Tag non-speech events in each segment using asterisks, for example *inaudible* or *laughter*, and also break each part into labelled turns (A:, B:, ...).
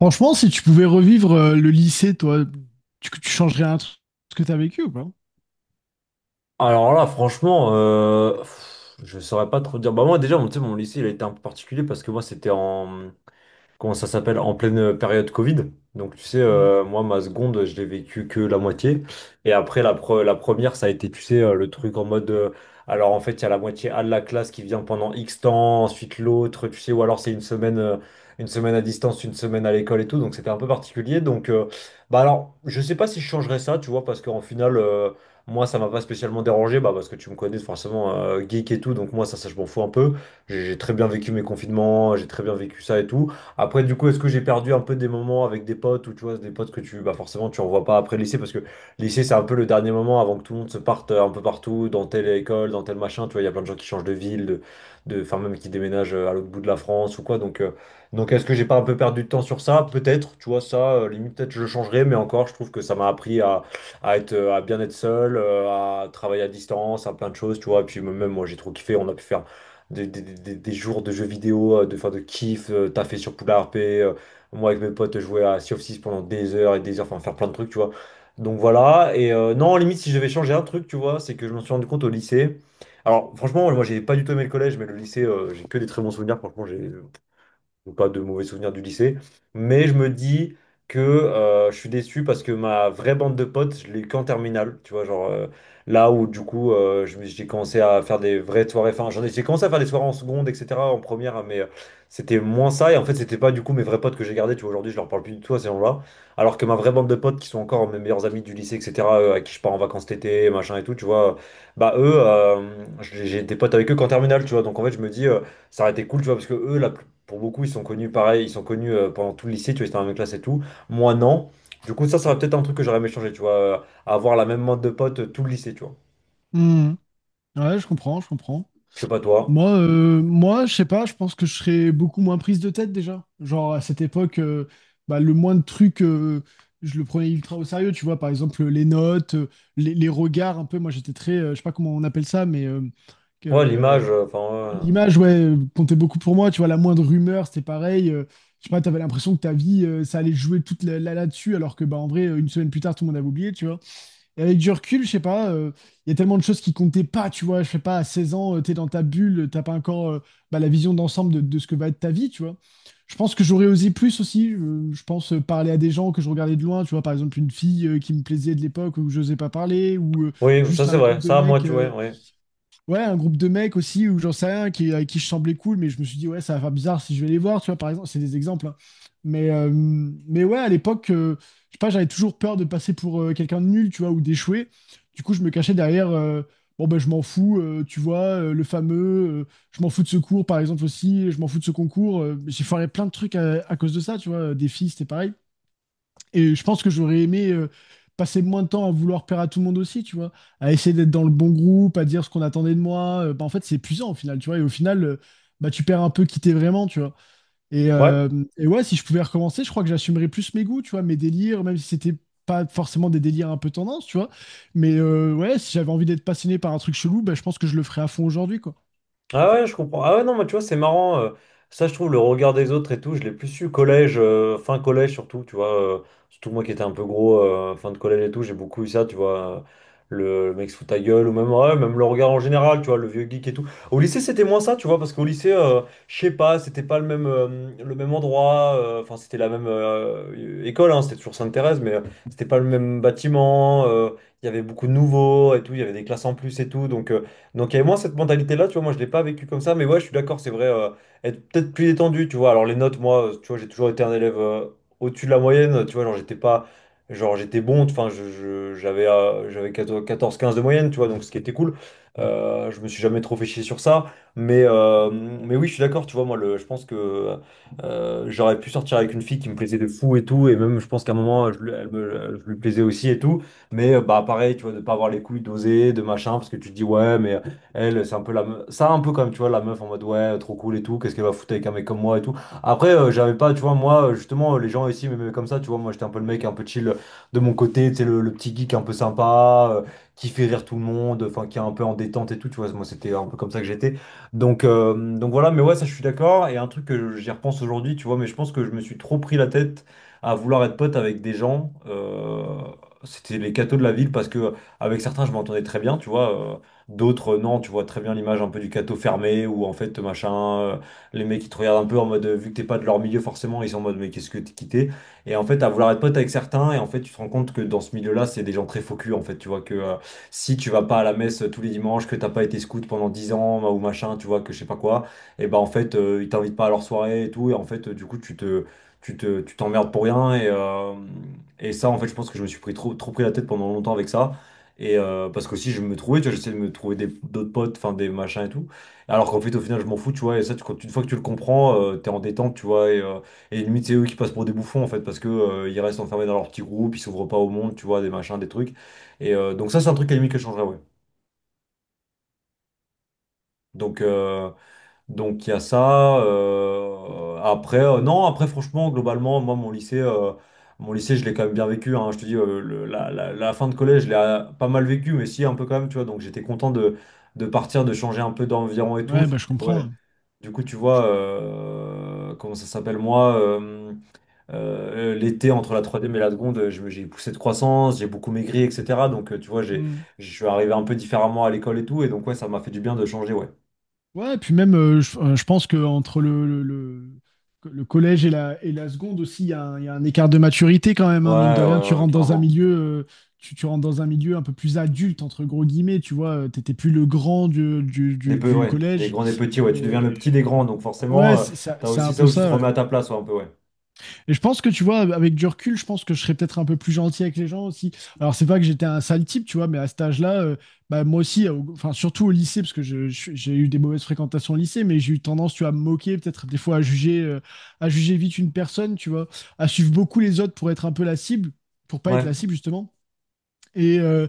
A: Franchement, si tu pouvais revivre le lycée, toi, tu changerais un truc, ce que tu as vécu ou pas?
B: Alors là, franchement, je saurais pas trop dire. Bah moi déjà, tu sais, mon lycée, il a été un peu particulier parce que moi, c'était en, comment ça s'appelle, en pleine période Covid. Donc tu sais,
A: Mm.
B: moi, ma seconde, je l'ai vécu que la moitié. Et après, la première, ça a été, tu sais, le truc en mode. Alors en fait, il y a la moitié A de la classe qui vient pendant X temps, ensuite l'autre, tu sais, ou alors c'est une semaine à distance, une semaine à l'école et tout. Donc c'était un peu particulier. Bah alors, je sais pas si je changerais ça, tu vois, parce qu'en final. Moi, ça m'a pas spécialement dérangé, bah, parce que tu me connais forcément geek et tout, donc moi, ça je m'en fous un peu. J'ai très bien vécu mes confinements, j'ai très bien vécu ça et tout. Après, du coup, est-ce que j'ai perdu un peu des moments avec des potes ou tu vois, des potes que tu, bah, forcément, tu revois pas après le lycée parce que le lycée, c'est un peu le dernier moment avant que tout le monde se parte un peu partout, dans telle école, dans tel machin. Tu vois, il y a plein de gens qui changent de ville, enfin, même qui déménagent à l'autre bout de la France ou quoi. Donc est-ce que j'ai pas un peu perdu de temps sur ça? Peut-être, tu vois, limite, peut-être je le changerais, mais encore, je trouve que ça m'a appris à être, à bien être seul, à travailler à distance, à plein de choses, tu vois. Et puis, même moi, j'ai trop kiffé, on a pu faire des jours de jeux vidéo, de, enfin, de kiff, taffer sur Poulard P, moi avec mes potes jouer à Sea of Thieves pendant des heures et des heures, enfin faire plein de trucs, tu vois. Donc voilà, non, limite si je devais changer un truc, tu vois, c'est que je m'en suis rendu compte au lycée. Alors franchement, moi j'ai pas du tout aimé le collège, mais le lycée, j'ai que des très bons souvenirs, franchement, j'ai donc, pas de mauvais souvenirs du lycée. Mais je me dis que je suis déçu parce que ma vraie bande de potes, je l'ai eu qu'en terminale. Tu vois, genre là où du coup, j'ai commencé à faire des vraies soirées. Enfin, j'ai commencé à faire des soirées en seconde, etc., en première, mais c'était moins ça. Et en fait, c'était pas du coup mes vrais potes que j'ai gardés. Tu vois, aujourd'hui, je leur parle plus du tout à ces gens-là. Alors que ma vraie bande de potes qui sont encore mes meilleurs amis du lycée, etc., à qui je pars en vacances cet été, machin et tout, tu vois, bah eux, j'ai des potes avec eux qu'en terminale, tu vois. Donc en fait, je me dis, ça aurait été cool, tu vois, parce que eux, la plupart pour beaucoup, ils sont connus pareil, ils sont connus pendant tout le lycée, tu vois, ils étaient dans la même classe et tout. Moi, non. Du coup, ça serait peut-être un truc que j'aurais aimé changer, tu vois, avoir la même mode de potes tout le lycée, tu vois.
A: Mm. Ouais, je comprends, je comprends.
B: Je sais pas toi.
A: Moi, moi, je sais pas, je pense que je serais beaucoup moins prise de tête déjà. Genre à cette époque, bah, le moins de trucs, je le prenais ultra au sérieux, tu vois, par exemple les notes, les regards un peu. Moi j'étais très, je sais pas comment on appelle ça, mais
B: Ouais,
A: euh,
B: l'image, enfin,
A: l'image, ouais, comptait beaucoup pour moi. Tu vois, la moindre rumeur, c'était pareil. Je sais pas, t'avais l'impression que ta vie, ça allait jouer toute là-dessus, alors que, bah, en vrai, une semaine plus tard, tout le monde avait oublié, tu vois. Et avec du recul, je sais pas, il y a tellement de choses qui comptaient pas, tu vois. Je sais pas, à 16 ans, t'es dans ta bulle, t'as pas encore bah, la vision d'ensemble de ce que va être ta vie, tu vois. Je pense que j'aurais osé plus aussi. Je pense parler à des gens que je regardais de loin, tu vois, par exemple, une fille qui me plaisait de l'époque où j'osais pas parler, ou
B: ouais. Oui, ça
A: juste à
B: c'est
A: un groupe
B: vrai.
A: de
B: Ça, moi,
A: mecs.
B: tu vois, ouais.
A: Ouais, un groupe de mecs aussi, ou j'en sais rien, qui, avec qui je semblais cool, mais je me suis dit, ouais, ça va faire bizarre si je vais les voir, tu vois, par exemple, c'est des exemples, hein. Mais ouais, à l'époque, je sais pas, j'avais toujours peur de passer pour quelqu'un de nul, tu vois, ou d'échouer. Du coup, je me cachais derrière, bon, ben, je m'en fous, tu vois, le fameux, euh, je m'en fous de ce cours, par exemple, aussi, je m'en fous de ce concours. J'ai foiré plein de trucs à cause de ça, tu vois, des filles, c'était pareil. Et je pense que j'aurais aimé passer moins de temps à vouloir plaire à tout le monde aussi, tu vois, à essayer d'être dans le bon groupe, à dire ce qu'on attendait de moi. Bah, en fait, c'est épuisant au final, tu vois. Et au final, bah, tu perds un peu qui t'es vraiment, tu vois. Et,
B: Ouais.
A: euh, et ouais, si je pouvais recommencer, je crois que j'assumerais plus mes goûts, tu vois, mes délires, même si c'était pas forcément des délires un peu tendance, tu vois. Mais ouais, si j'avais envie d'être passionné par un truc chelou, bah, je pense que je le ferais à fond aujourd'hui, quoi.
B: Ah ouais, je comprends. Ah ouais, non, mais tu vois, c'est marrant. Ça, je trouve, le regard des autres et tout, je l'ai plus su collège, fin collège surtout, tu vois. Surtout moi qui étais un peu gros, fin de collège et tout, j'ai beaucoup eu ça, tu vois. Le mec se fout ta gueule, ou même, ouais, même le regard en général, tu vois, le vieux geek et tout. Au lycée, c'était moins ça, tu vois, parce qu'au lycée, je sais pas, c'était pas le même, le même endroit, enfin, c'était la même école, hein, c'était toujours Sainte-Thérèse, mais c'était pas le même bâtiment. Il y avait beaucoup de nouveaux et tout, il y avait des classes en plus et tout, donc il y avait moins cette mentalité-là, tu vois, moi je l'ai pas vécu comme ça, mais ouais, je suis d'accord, c'est vrai, être peut-être plus détendu, tu vois. Alors les notes, moi, tu vois, j'ai toujours été un élève au-dessus de la moyenne, tu vois, genre j'étais pas, genre j'étais bon, enfin, j'avais 14-15 de moyenne, tu vois, donc ce qui était cool. Je me suis jamais trop fait chier sur ça, mais oui, je suis d'accord, tu vois, moi, je pense que j'aurais pu sortir avec une fille qui me plaisait de fou et tout, et même je pense qu'à un moment, je lui plaisais aussi et tout, mais bah pareil, tu vois, de pas avoir les couilles d'oser, de machin, parce que tu te dis, ouais, mais. Elle, c'est un peu la meuf. Ça, un peu comme, tu vois, la meuf en mode, ouais, trop cool et tout, qu'est-ce qu'elle va foutre avec un mec comme moi et tout. Après, j'avais pas, tu vois, moi, justement, les gens ici mais comme ça, tu vois, moi, j'étais un peu le mec un peu chill de mon côté, tu sais, le petit geek un peu sympa, qui fait rire tout le monde, enfin, qui est un peu en détente et tout, tu vois, moi, c'était un peu comme ça que j'étais. Donc voilà, mais ouais, ça, je suis d'accord. Et un truc que j'y repense aujourd'hui, tu vois, mais je pense que je me suis trop pris la tête à vouloir être pote avec des gens. C'était les cathos de la ville parce que avec certains je m'entendais très bien, tu vois. D'autres, non, tu vois très bien l'image un peu du cateau fermé où en fait, machin, euh, les mecs ils te regardent un peu en mode, vu que t'es pas de leur milieu forcément, ils sont en mode, mais qu'est-ce que t'es quitté? Et en fait, à vouloir être pote avec certains, et en fait, tu te rends compte que dans ce milieu-là, c'est des gens très faux culs, en fait, tu vois, que si tu vas pas à la messe tous les dimanches, que t'as pas été scout pendant 10 ans bah, ou machin, tu vois, que je sais pas quoi, et ben en fait, ils t'invitent pas à leur soirée et tout, et en fait, du coup, tu t'emmerdes pour rien, et ça, en fait, je pense que je me suis trop pris la tête pendant longtemps avec ça. Parce que si je me trouvais, tu vois, j'essayais de me trouver d'autres potes, enfin des machins et tout. Alors qu'en fait, au final, je m'en fous, tu vois. Et ça, une fois que tu le comprends, t'es en détente, tu vois. Et limite, c'est eux qui passent pour des bouffons, en fait, parce que ils restent enfermés dans leur petit groupe, ils s'ouvrent pas au monde, tu vois, des machins, des trucs. Donc, ça, c'est un truc à la limite que je changerais, ouais. Donc, euh, Donc il y a ça. Après, non, après franchement, globalement, moi, mon lycée, je l'ai quand même bien vécu, hein. Je te dis, la fin de collège, je l'ai pas mal vécu, mais si un peu quand même, tu vois. Donc j'étais content de partir, de changer un peu d'environ et tout.
A: Ouais, bah,
B: Surtout
A: je
B: que,
A: comprends,
B: ouais,
A: hein.
B: du coup, tu vois, comment ça s'appelle moi, l'été entre la troisième et la seconde, j'ai poussé de croissance, j'ai beaucoup maigri, etc. Tu vois,
A: Hmm.
B: je suis arrivé un peu différemment à l'école et tout, et donc ouais, ça m'a fait du bien de changer, ouais.
A: Ouais, et puis même, je pense qu'entre le collège et et la seconde aussi, il y a un, il y a un écart de maturité quand même, hein, mine de
B: Ouais,
A: rien. Tu
B: ouais, ouais,
A: rentres dans un
B: carrément.
A: milieu, tu rentres dans un milieu un peu plus adulte, entre gros guillemets, tu vois. T'étais plus le grand
B: Des peu,
A: du
B: ouais. Des
A: collège.
B: grands, des petits, ouais. Tu deviens
A: Et-
B: le petit des grands, donc forcément,
A: Ouais, c'est ça,
B: t'as
A: c'est un
B: aussi ça
A: peu
B: où tu te
A: ça,
B: remets
A: ouais.
B: à ta place, ouais, un peu, ouais.
A: Et je pense que tu vois, avec du recul, je pense que je serais peut-être un peu plus gentil avec les gens aussi. Alors, c'est pas que j'étais un sale type, tu vois, mais à cet âge-là, bah, moi aussi, enfin, surtout au lycée, parce que j'ai eu des mauvaises fréquentations au lycée, mais j'ai eu tendance, tu vois, à me moquer, peut-être des fois à juger vite une personne, tu vois, à suivre beaucoup les autres pour être un peu la cible, pour pas être
B: Ouais.
A: la cible, justement. Et, euh,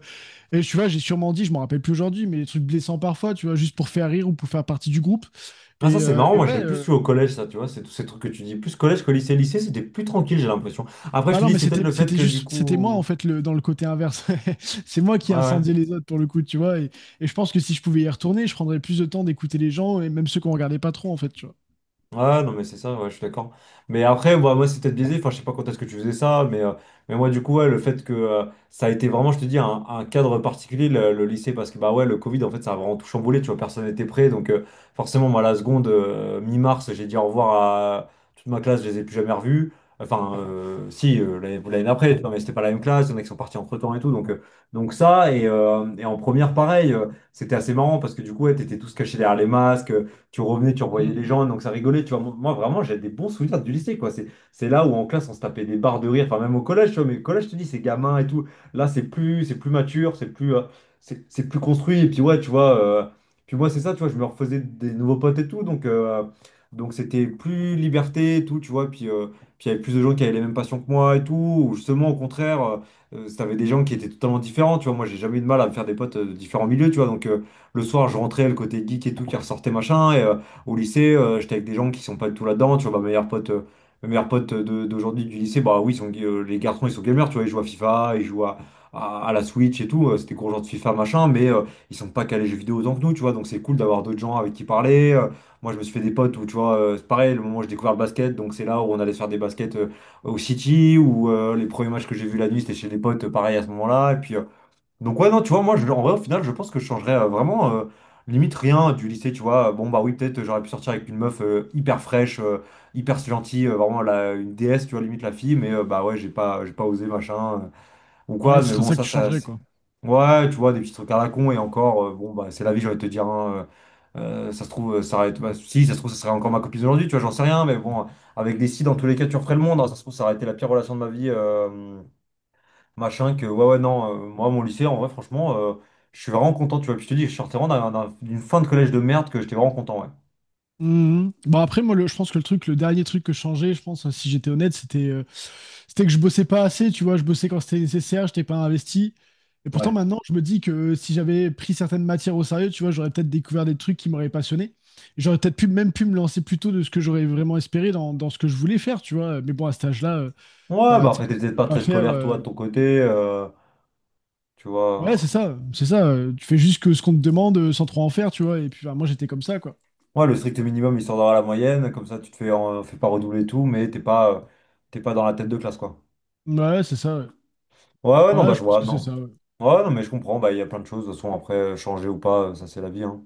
A: et tu vois, j'ai sûrement dit, je m'en rappelle plus aujourd'hui, mais des trucs blessants parfois, tu vois, juste pour faire rire ou pour faire partie du groupe.
B: Ah, ça,
A: Et,
B: c'est marrant. Moi, je l'ai plus eu au collège, ça, tu vois. C'est tous ces trucs que tu dis. Plus collège que lycée. Lycée, c'était plus tranquille, j'ai l'impression. Après, je
A: bah
B: te
A: non,
B: dis,
A: mais
B: c'est peut-être
A: c'était
B: le fait
A: c'était
B: que, du
A: juste, c'était moi en
B: coup.
A: fait, le dans le côté inverse. *laughs* C'est moi qui
B: Ouais,
A: ai
B: ouais.
A: incendié les autres pour le coup, tu vois. Et je pense que si je pouvais y retourner, je prendrais plus de temps d'écouter les gens, et même ceux qu'on regardait pas trop en fait, tu vois.
B: Ouais, non, mais c'est ça, ouais, je suis d'accord. Mais après, bah, moi, c'est peut-être biaisé. Enfin, je sais pas quand est-ce que tu faisais ça, mais moi, du coup, ouais, le fait que ça a été vraiment, je te dis, un cadre particulier, le lycée, parce que, bah ouais, le Covid, en fait, ça a vraiment tout chamboulé, tu vois, personne n'était prêt. Donc, forcément, moi, la seconde, mi-mars, j'ai dit au revoir à toute ma classe, je les ai plus jamais revus. Enfin, si, l'année d'après, tu vois, mais c'était pas la même classe, il y en a qui sont partis entre-temps et tout. Donc ça, et en première, pareil, c'était assez marrant, parce que, du coup, ouais, t'étais tous cachés derrière les masques, tu revenais, tu revoyais les
A: Mm.
B: gens, donc ça rigolait, tu vois. Moi, vraiment, j'ai des bons souvenirs du lycée, quoi. C'est là où en classe, on se tapait des barres de rire, enfin, même au collège, tu vois, mais au collège, je te dis, c'est gamin et tout. Là, c'est plus mature, c'est plus, c'est plus construit, et puis ouais, tu vois, puis moi, c'est ça, tu vois, je me refaisais des nouveaux potes et tout, donc c'était plus liberté et tout, tu vois, et puis, puis il y avait plus de gens qui avaient les mêmes passions que moi et tout, ou justement, au contraire. T'avais des gens qui étaient totalement différents, tu vois. Moi, j'ai jamais eu de mal à me faire des potes de différents milieux, tu vois. Donc, le soir, je rentrais, le côté geek et tout qui ressortait, machin. Et au lycée, j'étais avec des gens qui sont pas du tout là-dedans. Tu vois, ma meilleure pote de- d'aujourd'hui du lycée, bah oui, ils sont, les garçons, ils sont gamers, tu vois, ils jouent à FIFA, ils jouent à la Switch et tout. C'était gros genre de FIFA, machin, mais ils sont pas calés jeux vidéo autant que nous, tu vois. Donc c'est cool d'avoir d'autres gens avec qui parler. Moi, je me suis fait des potes où, tu vois, c'est pareil, le moment où j'ai découvert le basket, donc c'est là où on allait se faire des baskets au City, où les premiers matchs que j'ai vus la nuit, c'était chez des potes, pareil à ce moment-là. Et puis, donc ouais, non, tu vois, moi, je, en vrai, au final, je pense que je changerais vraiment, limite rien du lycée, tu vois. Bon, bah oui, peut-être j'aurais pu sortir avec une meuf hyper fraîche, hyper gentille, vraiment la, une déesse, tu vois, limite la fille, mais bah ouais, j'ai pas osé, machin, ou
A: Ouais,
B: quoi,
A: ce
B: mais
A: serait
B: bon,
A: ça que
B: ça,
A: tu
B: ça,
A: changerais,
B: c'est-
A: quoi.
B: Ouais, tu vois, des petits trucs à la con, et encore, bon, bah c'est la vie, j'ai envie de te dire, hein, ça se trouve, ça aurait été- bah, si, ça se trouve, ça serait encore ma copine aujourd'hui, tu vois, j'en sais rien, mais bon, avec des si, dans tous les cas, tu referais le monde, hein, ça se trouve, ça aurait été la pire relation de ma vie. Machin que, ouais, ouais, non, moi, mon lycée, en vrai, franchement, je suis vraiment content, tu vois. Puis je te dis, je sortais vraiment d'un- d'un- d'une fin de collège de merde que j'étais vraiment content, ouais.
A: Mhm. Bon après moi, le, je pense que le truc, le dernier truc que je changeais je pense, hein, si j'étais honnête, c'était c'était que je bossais pas assez, tu vois. Je bossais quand c'était nécessaire, j'étais pas investi. Et pourtant
B: Ouais.
A: maintenant je me dis que si j'avais pris certaines matières au sérieux, tu vois, j'aurais peut-être découvert des trucs qui m'auraient passionné. J'aurais peut-être pu même pu me lancer plus tôt de ce que j'aurais vraiment espéré dans, dans ce que je voulais faire, tu vois. Mais bon, à cet âge-là,
B: Ouais,
A: bah
B: bah
A: tu sais,
B: après,
A: quand
B: t'es
A: tu
B: peut-être
A: peux
B: pas
A: pas
B: très
A: faire,
B: scolaire, toi, de ton côté, tu
A: ouais c'est
B: vois.
A: ça, c'est ça. Tu fais juste que ce qu'on te demande, sans trop en faire, tu vois. Et puis bah, moi j'étais comme ça, quoi.
B: Ouais, le strict minimum, histoire d'avoir la moyenne, comme ça, tu te fais, fais pas redoubler et tout, mais t'es pas dans la tête de classe, quoi.
A: Ouais c'est ça, ouais.
B: Ouais, ouais, non,
A: Ouais,
B: bah, je
A: je pense
B: vois,
A: que c'est
B: non.
A: ça, ouais.
B: Ouais, non, mais je comprends, bah, il y a plein de choses, de toute façon, après, changer ou pas, ça, c'est la vie, hein.